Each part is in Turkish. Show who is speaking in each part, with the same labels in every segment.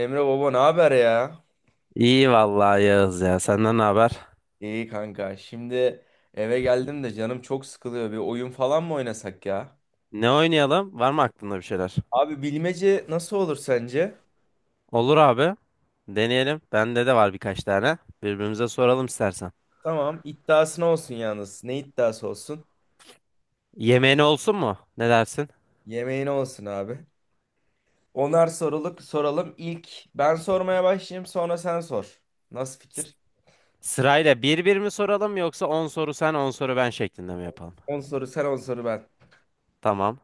Speaker 1: Emre baba ne haber ya?
Speaker 2: İyi vallahi Yağız ya. Senden ne haber?
Speaker 1: İyi kanka. Şimdi eve geldim de canım çok sıkılıyor. Bir oyun falan mı oynasak ya?
Speaker 2: Ne oynayalım? Var mı aklında bir şeyler?
Speaker 1: Abi bilmece nasıl olur sence?
Speaker 2: Olur abi. Deneyelim. Bende de var birkaç tane. Birbirimize soralım istersen.
Speaker 1: Tamam, iddiasına olsun yalnız. Ne iddiası olsun?
Speaker 2: Yemeğin olsun mu? Ne dersin?
Speaker 1: Yemeğine olsun abi. Onar soruluk soralım. İlk ben sormaya başlayayım, sonra sen sor. Nasıl fikir?
Speaker 2: Sırayla bir bir mi soralım yoksa 10 soru sen 10 soru ben şeklinde mi yapalım?
Speaker 1: On soru sen, 10 soru ben.
Speaker 2: Tamam.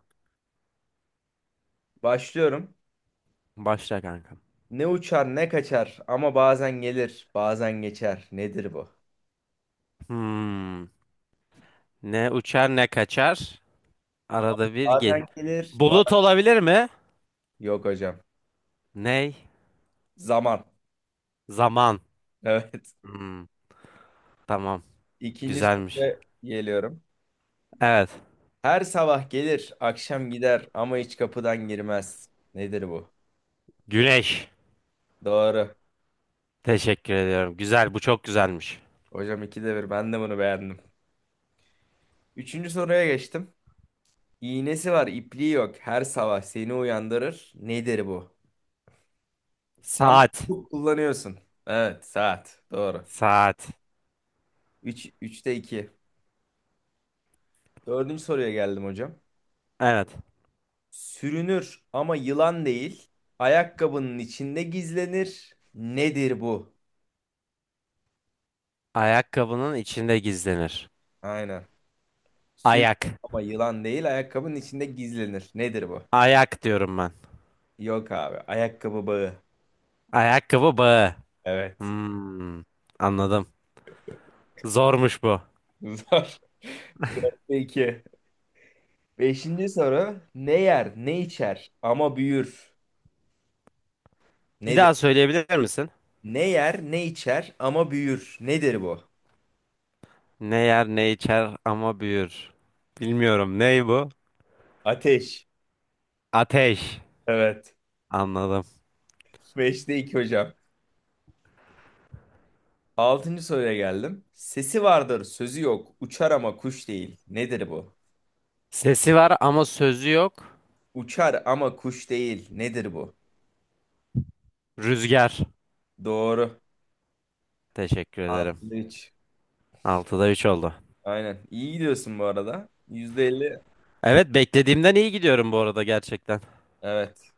Speaker 1: Başlıyorum.
Speaker 2: Başla kankam.
Speaker 1: Ne uçar ne kaçar ama bazen gelir, bazen geçer. Nedir bu?
Speaker 2: Hmm. Ne uçar ne kaçar. Arada bir gel.
Speaker 1: Bazen gelir.
Speaker 2: Bulut olabilir mi?
Speaker 1: Yok hocam.
Speaker 2: Ney?
Speaker 1: Zaman.
Speaker 2: Zaman.
Speaker 1: Evet.
Speaker 2: Hmm. Tamam.
Speaker 1: İkinci
Speaker 2: Güzelmiş.
Speaker 1: soruya geliyorum.
Speaker 2: Evet.
Speaker 1: Her sabah gelir, akşam gider ama hiç kapıdan girmez. Nedir bu?
Speaker 2: Güneş.
Speaker 1: Doğru.
Speaker 2: Teşekkür ediyorum. Güzel, bu çok güzelmiş.
Speaker 1: Hocam ikide bir. Ben de bunu beğendim. Üçüncü soruya geçtim. İğnesi var, ipliği yok. Her sabah seni uyandırır. Nedir bu? Sen
Speaker 2: Saat.
Speaker 1: bunu kullanıyorsun. Evet, saat. Doğru.
Speaker 2: Saat.
Speaker 1: Üç, üçte iki. Dördüncü soruya geldim hocam.
Speaker 2: Evet.
Speaker 1: Sürünür ama yılan değil. Ayakkabının içinde gizlenir. Nedir bu?
Speaker 2: Ayakkabının içinde gizlenir.
Speaker 1: Aynen. Sür
Speaker 2: Ayak.
Speaker 1: ama yılan değil ayakkabının içinde gizlenir. Nedir bu?
Speaker 2: Ayak diyorum ben.
Speaker 1: Yok abi. Ayakkabı bağı.
Speaker 2: Ayakkabı bağı.
Speaker 1: Evet.
Speaker 2: Hmm, anladım. Zormuş bu.
Speaker 1: Zor. 4'te 2. Beşinci soru. Ne yer ne içer ama büyür.
Speaker 2: Bir
Speaker 1: Nedir?
Speaker 2: daha söyleyebilir misin?
Speaker 1: Ne yer ne içer ama büyür. Nedir bu?
Speaker 2: Ne yer ne içer ama büyür. Bilmiyorum. Ney bu?
Speaker 1: Ateş.
Speaker 2: Ateş.
Speaker 1: Evet.
Speaker 2: Anladım.
Speaker 1: Beşte 2 hocam. Altıncı soruya geldim. Sesi vardır, sözü yok. Uçar ama kuş değil. Nedir bu?
Speaker 2: Sesi var ama sözü yok.
Speaker 1: Uçar ama kuş değil. Nedir bu?
Speaker 2: Rüzgar.
Speaker 1: Doğru.
Speaker 2: Teşekkür ederim.
Speaker 1: Altı üç.
Speaker 2: Altıda 3 oldu.
Speaker 1: Aynen. İyi gidiyorsun bu arada. %50.
Speaker 2: Evet, beklediğimden iyi gidiyorum bu arada gerçekten.
Speaker 1: Evet.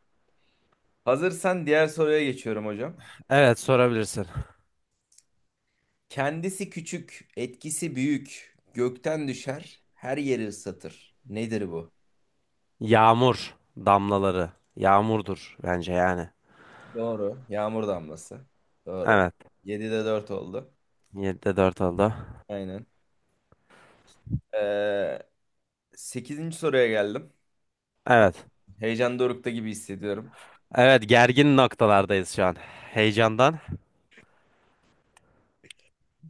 Speaker 1: Hazırsan diğer soruya geçiyorum hocam.
Speaker 2: Evet, sorabilirsin.
Speaker 1: Kendisi küçük, etkisi büyük. Gökten düşer, her yeri ıslatır. Nedir bu?
Speaker 2: Yağmur damlaları. Yağmurdur bence yani.
Speaker 1: Doğru. Yağmur damlası. Doğru.
Speaker 2: Evet.
Speaker 1: 7'de 4 oldu.
Speaker 2: 7'de dört oldu.
Speaker 1: Aynen. Ee, 8. soruya geldim.
Speaker 2: Evet.
Speaker 1: Heyecan dorukta gibi hissediyorum.
Speaker 2: Evet, gergin noktalardayız şu an. Heyecandan.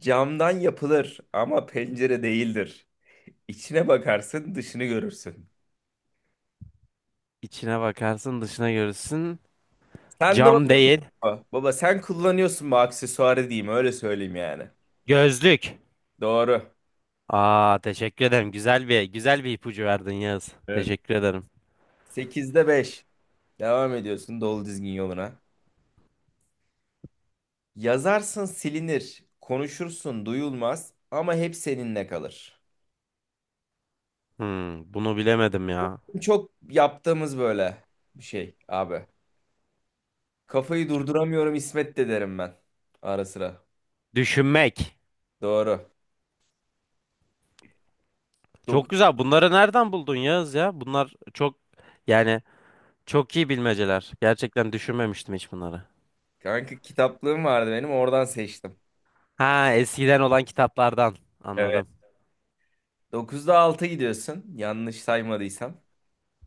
Speaker 1: Camdan yapılır ama pencere değildir. İçine bakarsın, dışını görürsün.
Speaker 2: İçine bakarsın dışına görürsün.
Speaker 1: Sen de
Speaker 2: Cam değil.
Speaker 1: Baba, Baba, sen kullanıyorsun bu aksesuarı, diyeyim öyle söyleyeyim yani.
Speaker 2: Gözlük.
Speaker 1: Doğru.
Speaker 2: Aa, teşekkür ederim. Güzel bir ipucu verdin Yağız.
Speaker 1: Evet.
Speaker 2: Teşekkür ederim.
Speaker 1: Sekizde beş. Devam ediyorsun dolu dizgin yoluna. Yazarsın silinir, konuşursun duyulmaz ama hep seninle kalır.
Speaker 2: Bunu bilemedim ya.
Speaker 1: Çok yaptığımız böyle bir şey abi. Kafayı durduramıyorum İsmet de derim ben ara sıra.
Speaker 2: Düşünmek.
Speaker 1: Doğru.
Speaker 2: Çok
Speaker 1: Dok
Speaker 2: güzel. Bunları nereden buldun Yağız ya? Bunlar çok, yani, çok iyi bilmeceler. Gerçekten düşünmemiştim hiç bunları.
Speaker 1: Kanka, kitaplığım vardı benim, oradan seçtim.
Speaker 2: Ha, eskiden olan kitaplardan
Speaker 1: Evet.
Speaker 2: anladım.
Speaker 1: Dokuzda 6 gidiyorsun, yanlış saymadıysam.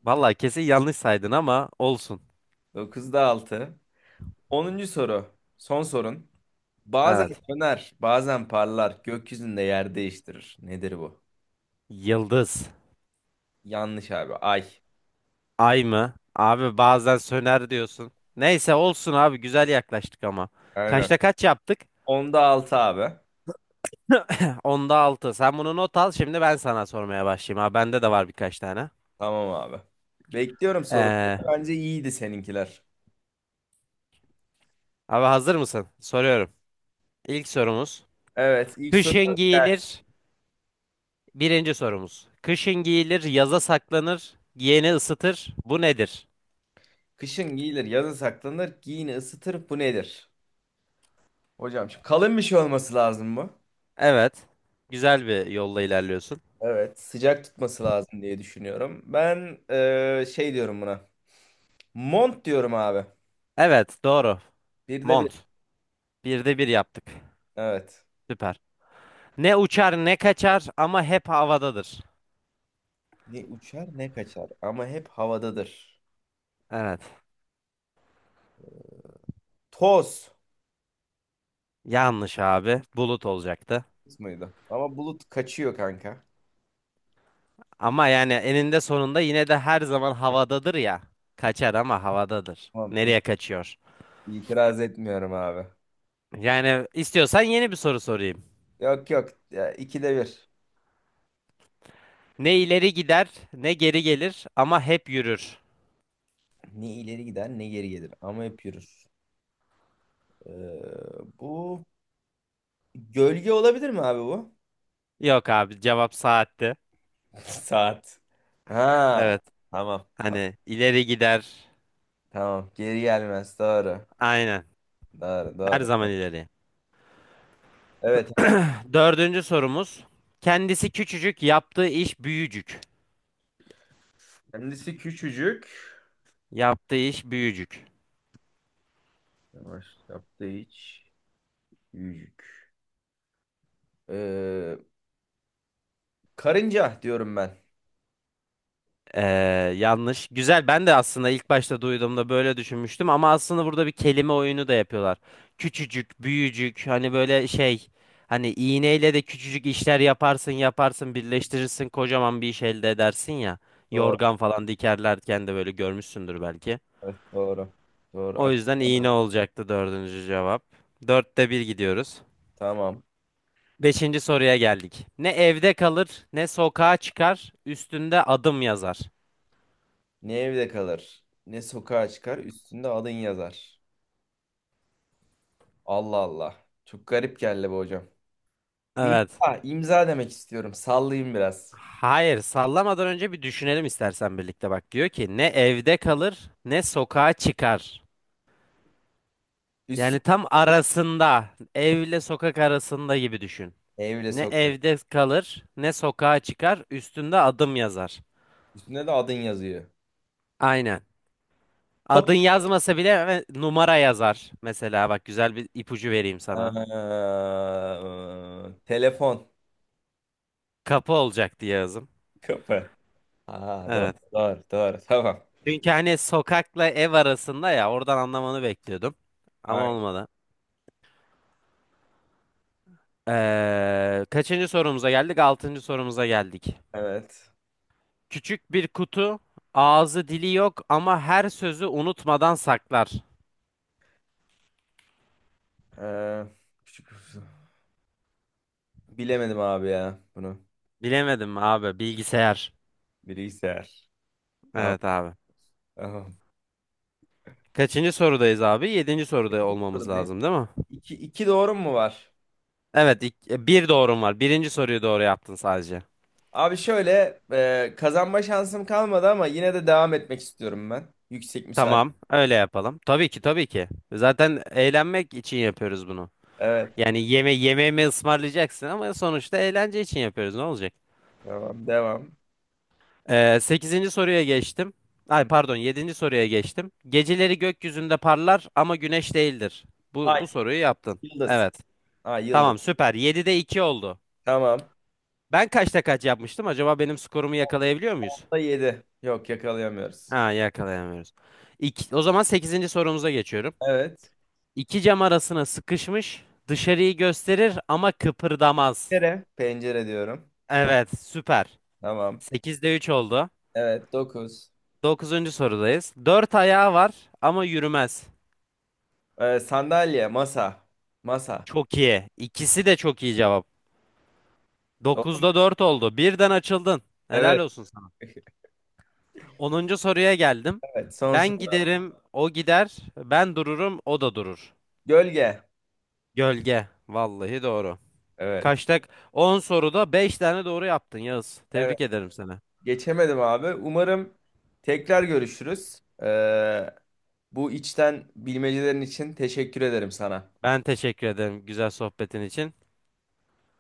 Speaker 2: Vallahi kesin yanlış saydın ama olsun.
Speaker 1: Dokuzda 6. 10. soru. Son sorun. Bazen
Speaker 2: Evet.
Speaker 1: söner, bazen parlar. Gökyüzünde yer değiştirir. Nedir bu?
Speaker 2: Yıldız.
Speaker 1: Yanlış abi. Ay.
Speaker 2: Ay mı? Abi bazen söner diyorsun. Neyse olsun abi, güzel yaklaştık ama.
Speaker 1: Aynen.
Speaker 2: Kaçta kaç yaptık?
Speaker 1: Onda altı abi.
Speaker 2: Onda 6. Sen bunu not al şimdi, ben sana sormaya başlayayım. Abi bende de var birkaç tane.
Speaker 1: Tamam abi. Bekliyorum soruları.
Speaker 2: Ee,
Speaker 1: Bence iyiydi seninkiler.
Speaker 2: abi hazır mısın? Soruyorum. İlk sorumuz.
Speaker 1: Evet. ilk soru.
Speaker 2: Kışın
Speaker 1: Gelsin.
Speaker 2: giyilir. Birinci sorumuz. Kışın giyilir, yaza saklanır, giyeni ısıtır. Bu nedir?
Speaker 1: Kışın giyilir, yazın saklanır. Giyini ısıtır. Bu nedir? Hocam şimdi kalın bir şey olması lazım bu.
Speaker 2: Evet. Güzel bir yolla ilerliyorsun.
Speaker 1: Evet. Sıcak tutması lazım diye düşünüyorum. Ben şey diyorum buna. Mont diyorum abi.
Speaker 2: Evet, doğru.
Speaker 1: Bir de bir.
Speaker 2: Mont. Birde bir yaptık.
Speaker 1: Evet.
Speaker 2: Süper. Ne uçar ne kaçar ama hep havadadır.
Speaker 1: Ne uçar ne kaçar ama hep havadadır.
Speaker 2: Evet.
Speaker 1: Toz
Speaker 2: Yanlış abi. Bulut olacaktı.
Speaker 1: muydu? Ama bulut kaçıyor kanka.
Speaker 2: Ama yani eninde sonunda yine de her zaman havadadır ya. Kaçar ama havadadır.
Speaker 1: Tamam
Speaker 2: Nereye kaçıyor?
Speaker 1: itiraz etmiyorum abi.
Speaker 2: Yani istiyorsan yeni bir soru sorayım.
Speaker 1: Yok yok ya, ikide bir.
Speaker 2: Ne ileri gider ne geri gelir ama hep yürür.
Speaker 1: Ne ileri gider ne geri gelir ama hep yürür. Ee, bu gölge olabilir mi abi bu?
Speaker 2: Yok abi, cevap saatti.
Speaker 1: Saat. Ha,
Speaker 2: Evet.
Speaker 1: tamam, tamam.
Speaker 2: Hani ileri gider.
Speaker 1: Tamam, geri gelmez, doğru.
Speaker 2: Aynen.
Speaker 1: Doğru
Speaker 2: Her
Speaker 1: doğru.
Speaker 2: zaman ileri.
Speaker 1: Evet abi.
Speaker 2: Dördüncü sorumuz. Kendisi küçücük, yaptığı iş büyücük.
Speaker 1: Kendisi küçücük.
Speaker 2: Yaptığı iş büyücük.
Speaker 1: Yavaş yaptığı hiç. Büyücük. Karınca diyorum ben.
Speaker 2: Ee, yanlış. Güzel. Ben de aslında ilk başta duyduğumda böyle düşünmüştüm ama aslında burada bir kelime oyunu da yapıyorlar. Küçücük, büyücük. Hani böyle şey. Hani iğneyle de küçücük işler yaparsın, yaparsın, birleştirirsin, kocaman bir iş elde edersin ya.
Speaker 1: Doğru.
Speaker 2: Yorgan falan dikerlerken de böyle görmüşsündür belki.
Speaker 1: Evet, doğru. Doğru.
Speaker 2: O yüzden iğne
Speaker 1: Akıllı.
Speaker 2: olacaktı dördüncü cevap. Dörtte bir gidiyoruz.
Speaker 1: Tamam.
Speaker 2: Beşinci soruya geldik. Ne evde kalır, ne sokağa çıkar, üstünde adım yazar.
Speaker 1: Ne evde kalır, ne sokağa çıkar, üstünde adın yazar. Allah Allah. Çok garip geldi bu hocam.
Speaker 2: Evet.
Speaker 1: İmza, imza demek istiyorum. Sallayayım biraz.
Speaker 2: Hayır, sallamadan önce bir düşünelim istersen birlikte. Bak diyor ki ne evde kalır, ne sokağa çıkar. Yani
Speaker 1: Üstünde
Speaker 2: tam arasında, evle sokak arasında gibi düşün.
Speaker 1: evle
Speaker 2: Ne
Speaker 1: sokak.
Speaker 2: evde kalır, ne sokağa çıkar, üstünde adım yazar.
Speaker 1: Üstünde de adın yazıyor.
Speaker 2: Aynen. Adın
Speaker 1: Kapı.
Speaker 2: yazmasa bile numara yazar. Mesela bak, güzel bir ipucu vereyim sana.
Speaker 1: Telefon.
Speaker 2: Kapı olacak diye yazım.
Speaker 1: Kapı. Ha, doğru,
Speaker 2: Evet.
Speaker 1: doğru, doğru. Tamam.
Speaker 2: Çünkü hani sokakla ev arasında ya, oradan anlamanı bekliyordum. Ama
Speaker 1: Aynen.
Speaker 2: olmadı. Kaçıncı sorumuza geldik? Altıncı sorumuza geldik.
Speaker 1: Evet.
Speaker 2: Küçük bir kutu, ağzı dili yok ama her sözü unutmadan saklar.
Speaker 1: Eee, küçük- bilemedim abi ya bunu.
Speaker 2: Bilemedim abi, bilgisayar.
Speaker 1: Bilgisayar. Tamam.
Speaker 2: Evet abi.
Speaker 1: Tamam.
Speaker 2: Kaçıncı sorudayız abi? Yedinci soruda olmamız
Speaker 1: Sorudayım.
Speaker 2: lazım değil mi?
Speaker 1: İki, iki doğru mu var?
Speaker 2: Evet, bir doğrum var. Birinci soruyu doğru yaptın sadece.
Speaker 1: Abi şöyle kazanma şansım kalmadı ama yine de devam etmek istiyorum ben. Yüksek müsaade.
Speaker 2: Tamam, öyle yapalım. Tabii ki, tabii ki. Zaten eğlenmek için yapıyoruz bunu.
Speaker 1: Evet,
Speaker 2: Yani yemeğimi ısmarlayacaksın ama sonuçta eğlence için yapıyoruz. Ne olacak?
Speaker 1: tamam, devam.
Speaker 2: 8. soruya geçtim. Ay
Speaker 1: Hı.
Speaker 2: pardon, yedinci soruya geçtim. Geceleri gökyüzünde parlar ama güneş değildir. Bu,
Speaker 1: Ay
Speaker 2: bu soruyu yaptın.
Speaker 1: yıldız.
Speaker 2: Evet.
Speaker 1: Ay yıldız.
Speaker 2: Tamam süper. 7'de 2 oldu.
Speaker 1: Tamam.
Speaker 2: Ben kaçta kaç yapmıştım? Acaba benim skorumu yakalayabiliyor muyuz?
Speaker 1: Onda yedi. Yok, yakalayamıyoruz.
Speaker 2: Ha, yakalayamıyoruz. İki, o zaman sekizinci sorumuza geçiyorum.
Speaker 1: Evet.
Speaker 2: İki cam arasına sıkışmış, dışarıyı gösterir ama kıpırdamaz.
Speaker 1: Pencere. Pencere diyorum.
Speaker 2: Evet süper.
Speaker 1: Tamam.
Speaker 2: 8'de 3 oldu.
Speaker 1: Evet, dokuz.
Speaker 2: Dokuzuncu sorudayız. Dört ayağı var ama yürümez.
Speaker 1: Sandalye. Masa. Masa.
Speaker 2: Çok iyi. İkisi de çok iyi cevap.
Speaker 1: Doğru mu?
Speaker 2: Dokuzda dört oldu. Birden açıldın. Helal
Speaker 1: Evet.
Speaker 2: olsun sana. Onuncu soruya geldim.
Speaker 1: Evet, son
Speaker 2: Ben
Speaker 1: soru.
Speaker 2: giderim, o gider. Ben dururum, o da durur.
Speaker 1: Gölge.
Speaker 2: Gölge. Vallahi doğru.
Speaker 1: Evet.
Speaker 2: Kaçta? 10 soruda beş tane doğru yaptın Yağız.
Speaker 1: Evet.
Speaker 2: Tebrik ederim seni.
Speaker 1: Geçemedim abi. Umarım tekrar görüşürüz. Bu içten bilmecelerin için teşekkür ederim sana.
Speaker 2: Ben teşekkür ederim güzel sohbetin için.